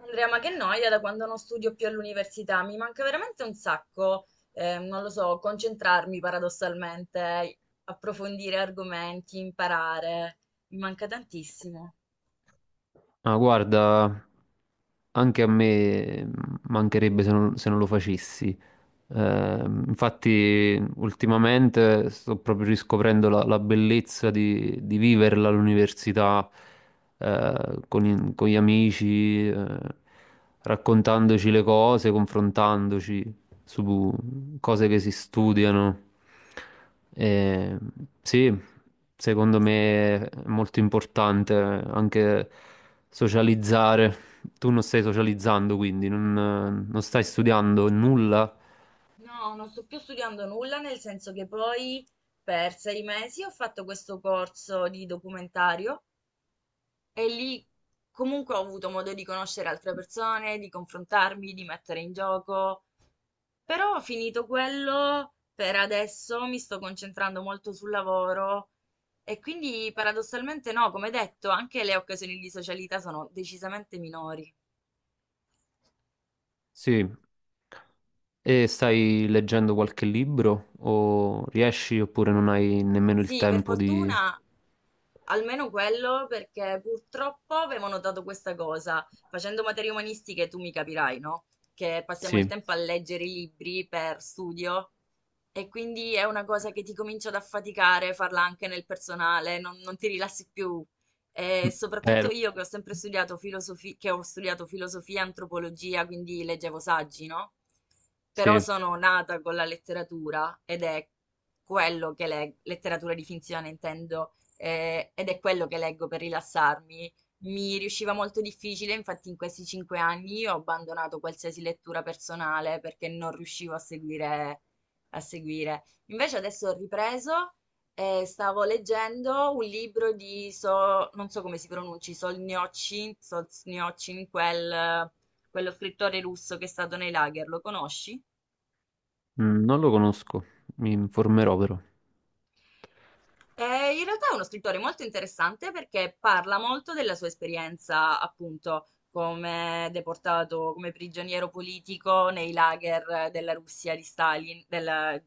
Andrea, ma che noia da quando non studio più all'università, mi manca veramente un sacco, non lo so, concentrarmi paradossalmente, approfondire argomenti, imparare, mi manca tantissimo. Ma guarda, anche a me mancherebbe se non lo facessi. Infatti, ultimamente sto proprio riscoprendo la bellezza di viverla all'università, con gli amici, raccontandoci le cose, confrontandoci su cose che si studiano. Eh, sì, secondo me è molto importante anche socializzare. Tu non stai socializzando, quindi non stai studiando nulla. No, non sto più studiando nulla, nel senso che poi per sei mesi ho fatto questo corso di documentario e lì comunque ho avuto modo di conoscere altre persone, di confrontarmi, di mettere in gioco. Però ho finito quello, per adesso mi sto concentrando molto sul lavoro e quindi paradossalmente no, come detto, anche le occasioni di socialità sono decisamente minori. Sì, e stai leggendo qualche libro o riesci oppure non hai nemmeno il Sì, per tempo di... fortuna almeno quello, perché purtroppo avevo notato questa cosa, facendo materie umanistiche tu mi capirai, no? Che passiamo il Sì, tempo a leggere i libri per studio e quindi è una cosa che ti comincia ad affaticare, farla anche nel personale, non ti rilassi più. mm, E soprattutto eh, io che ho sempre studiato filosofia, che ho studiato filosofia e antropologia, quindi leggevo saggi, no? Però sì, sono nata con la letteratura ed è quello che, la letteratura di finzione intendo, ed è quello che leggo per rilassarmi. Mi riusciva molto difficile, infatti in questi cinque anni ho abbandonato qualsiasi lettura personale perché non riuscivo a seguire, Invece adesso ho ripreso e stavo leggendo un libro di, non so come si pronunci, Solzhenitsyn, Solzhenitsyn, quello scrittore russo che è stato nei lager, lo conosci? mm, non lo conosco, mi informerò però. In realtà è uno scrittore molto interessante perché parla molto della sua esperienza, appunto, come deportato, come prigioniero politico nei lager della Russia di Stalin,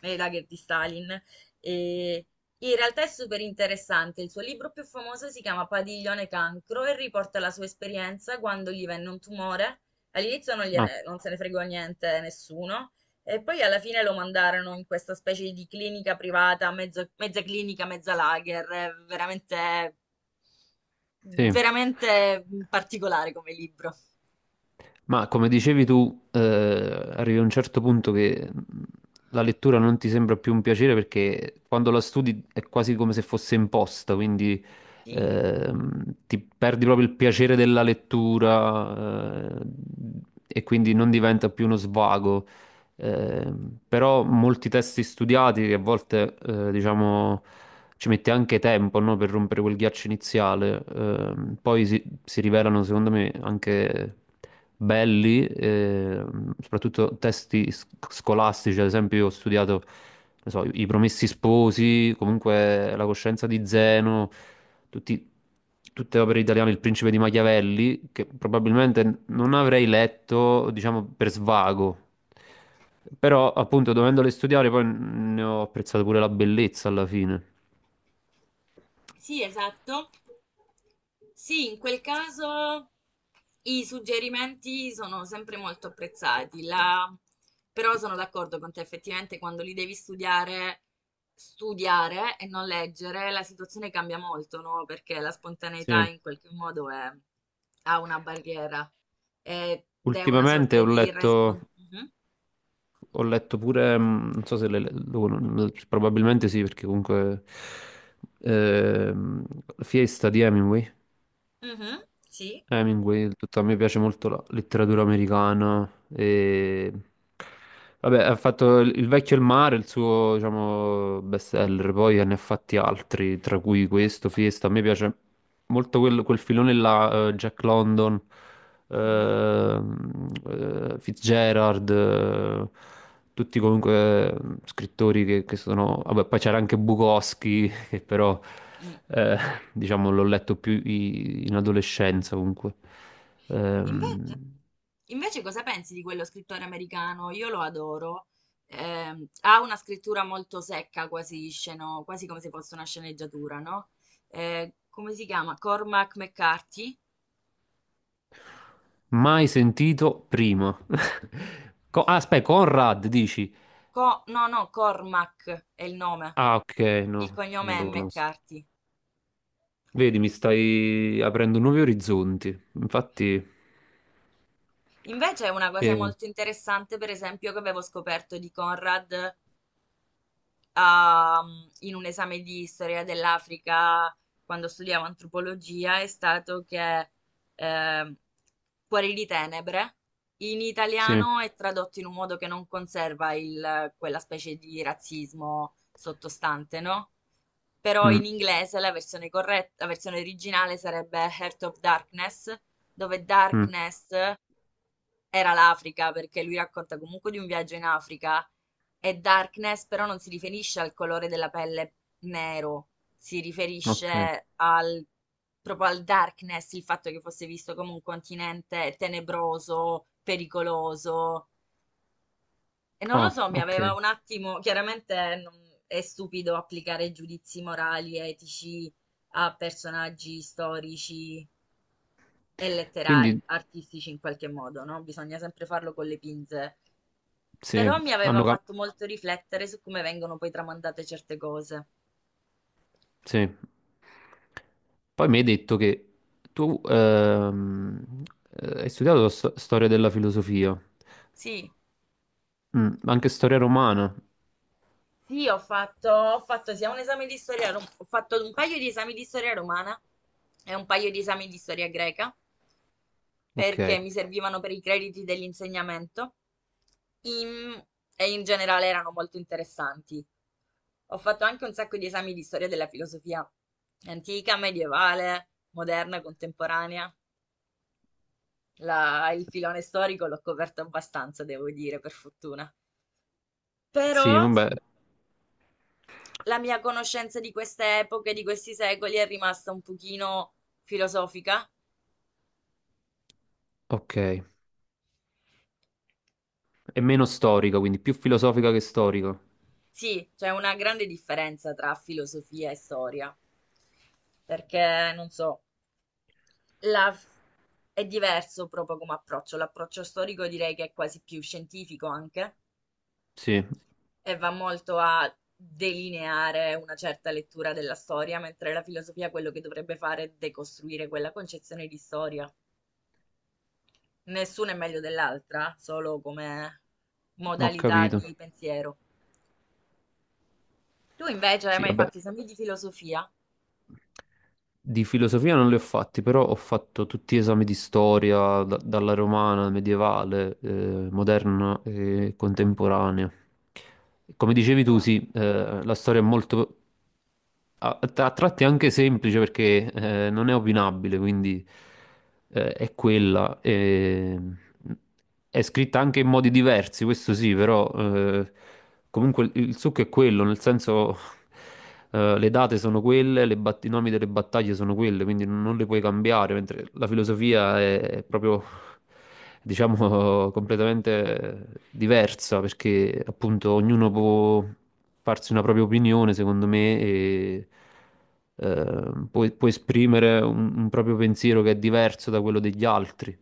nei lager di Stalin. E in realtà è super interessante. Il suo libro più famoso si chiama Padiglione Cancro e riporta la sua esperienza quando gli venne un tumore. All'inizio non Ah, non se ne fregò niente nessuno. E poi alla fine lo mandarono in questa specie di clinica privata, mezza clinica, mezza lager, è veramente, sì, veramente particolare come libro. ma come dicevi tu, arrivi a un certo punto che la lettura non ti sembra più un piacere perché quando la studi è quasi come se fosse imposta, quindi Sì. Ti perdi proprio il piacere della lettura, e quindi non diventa più uno svago, eh, però molti testi studiati a volte, diciamo, ci mette anche tempo, no, per rompere quel ghiaccio iniziale. Poi si rivelano, secondo me, anche belli, soprattutto testi scolastici. Ad esempio, io ho studiato, non so, I Promessi Sposi, comunque La coscienza di Zeno, tutti- tutte opere italiane, Il Principe di Machiavelli, che probabilmente non avrei letto, diciamo, per svago, però appunto dovendole studiare poi ne ho apprezzato pure la bellezza alla fine. Sì, esatto. Sì, in quel caso i suggerimenti sono sempre molto apprezzati. Però sono d'accordo con te, effettivamente quando li devi studiare, studiare e non leggere, la situazione cambia molto, no? Perché la spontaneità Sì, in qualche modo ha una barriera ed è una ultimamente sorta di responsabilità. ho letto pure, mm, non so se le, lo- non- probabilmente sì, perché comunque ehm, Fiesta di Hemingway. Sì. Mhm. Sì. Hemingway, tutto, a me piace molto la letteratura americana e... Vabbè, ha fatto Il vecchio e il mare, il suo, diciamo, bestseller, poi ne ha fatti altri, tra cui questo, Fiesta. A me piace molto quel filone là, Jack London, Fitzgerald, tutti comunque scrittori che sono... Vabbè, poi c'era anche Bukowski, però Mm. eh, diciamo l'ho letto più in adolescenza comunque. Ehm, Invece, invece cosa pensi di quello scrittore americano? Io lo adoro. Ha una scrittura molto secca, quasi come se fosse una sceneggiatura, no? Come si chiama? Cormac McCarthy? Mai sentito prima. Ah, aspetta, Conrad dici? No, no, Cormac è il nome. Ah, ok, Il no, non cognome è lo conosco. McCarthy. Vedi, mi stai aprendo nuovi orizzonti. Infatti, Invece una cosa eh, molto interessante, per esempio, che avevo scoperto di Conrad, in un esame di storia dell'Africa quando studiavo antropologia è stato che, ehm, Cuori di tenebre in sì. italiano è tradotto in un modo che non conserva quella specie di razzismo sottostante, no? Però Mm, in inglese la versione corretta, la versione originale sarebbe Heart of Darkness, dove mm, Darkness era l'Africa, perché lui racconta comunque di un viaggio in Africa, e Darkness però non si riferisce al colore della pelle nero, si ok. riferisce al, proprio al Darkness, il fatto che fosse visto come un continente tenebroso, pericoloso, e non lo Ah, so, mi ok. aveva un attimo, chiaramente è stupido applicare giudizi morali, etici a personaggi storici e Quindi, letterari, artistici in qualche modo, no? Bisogna sempre farlo con le pinze. sì, Però mi aveva hanno fatto molto riflettere su come vengono poi tramandate certe cose. sì. Poi mi hai detto che tu hai studiato storia della filosofia, Sì, mm, anche storia romana. sì, ho fatto sia un esame di storia, ho fatto un paio di esami di storia romana e un paio di esami di storia greca. Perché Ok. mi servivano per i crediti dell'insegnamento in- e in generale erano molto interessanti. Ho fatto anche un sacco di esami di storia della filosofia antica, medievale, moderna, contemporanea. Il filone storico l'ho coperto abbastanza, devo dire, per fortuna. Però Sì, vabbè, la mia conoscenza di queste epoche, di questi secoli è rimasta un pochino filosofica. ok. È meno storica, quindi più filosofica che storica. Sì, c'è una grande differenza tra filosofia e storia, perché non so, La f- è diverso proprio come approccio. L'approccio storico direi che è quasi più scientifico anche, Sì, e va molto a delineare una certa lettura della storia, mentre la filosofia quello che dovrebbe fare è decostruire quella concezione di storia. Nessuna è meglio dell'altra, solo come ho modalità capito. di pensiero. Tu invece hai Sì, mai vabbè. fatto esami di filosofia? Di filosofia non li ho fatti, però ho fatto tutti gli esami di storia, dalla romana, medievale, moderna e contemporanea. Come dicevi tu, Wow. sì, la storia è molto, a tratti è anche semplice perché non è opinabile, quindi è quella. È scritta anche in modi diversi, questo sì, però comunque il succo è quello, nel senso le date sono quelle, i nomi delle battaglie sono quelle, quindi non le puoi cambiare, mentre la filosofia è proprio, diciamo, completamente diversa, perché appunto ognuno può farsi una propria opinione, secondo me, e può esprimere un proprio pensiero che è diverso da quello degli altri,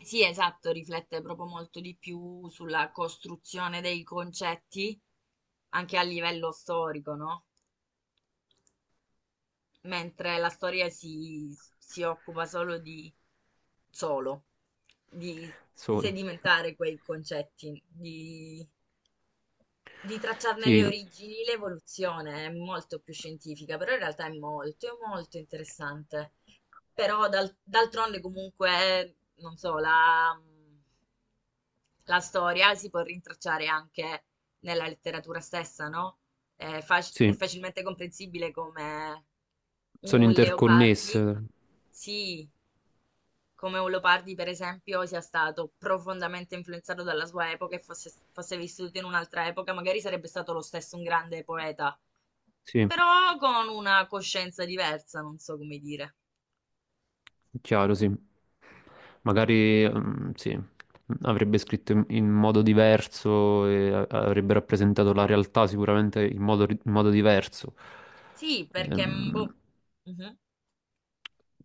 Sì, esatto, riflette proprio molto di più sulla costruzione dei concetti anche a livello storico, no? Mentre la storia si occupa solo, di solo. sedimentare quei concetti, di tracciarne le Sì, origini, l'evoluzione è molto più scientifica, però in realtà è molto interessante. Però d'altronde comunque, non so, la storia si può rintracciare anche nella letteratura stessa, no? È, è sì, facilmente comprensibile come sono un Leopardi, interconnesse, sì, come un Leopardi, per esempio, sia stato profondamente influenzato dalla sua epoca e fosse vissuto in un'altra epoca, magari sarebbe stato lo stesso un grande poeta, sì, però con una coscienza diversa, non so come dire. chiaro, sì. Magari, mm, sì, avrebbe scritto in modo diverso e avrebbe rappresentato la realtà sicuramente in modo, in modo diverso. Sì, perché... mm, Ehm, boh, mhm,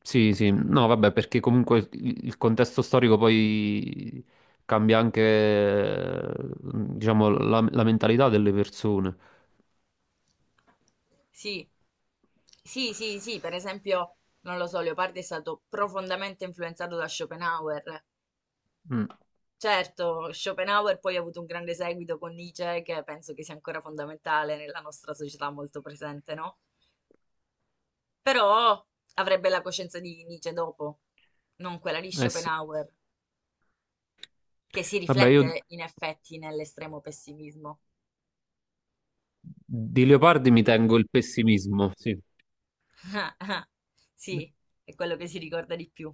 Sì, sì, no, vabbè, perché comunque il contesto storico poi cambia anche, diciamo, la mentalità delle persone. sì. Sì, sì, sì, per esempio, non lo so, Leopardi è stato profondamente influenzato da Schopenhauer, Mm, certo, Schopenhauer poi ha avuto un grande seguito con Nietzsche, che penso che sia ancora fondamentale nella nostra società, molto presente, no? Però avrebbe la coscienza di Nietzsche dopo, non quella di eh sì. Schopenhauer, che si Vabbè, io riflette in effetti nell'estremo pessimismo. di Leopardi mi tengo il pessimismo, sì. Sì, è quello che si ricorda di più.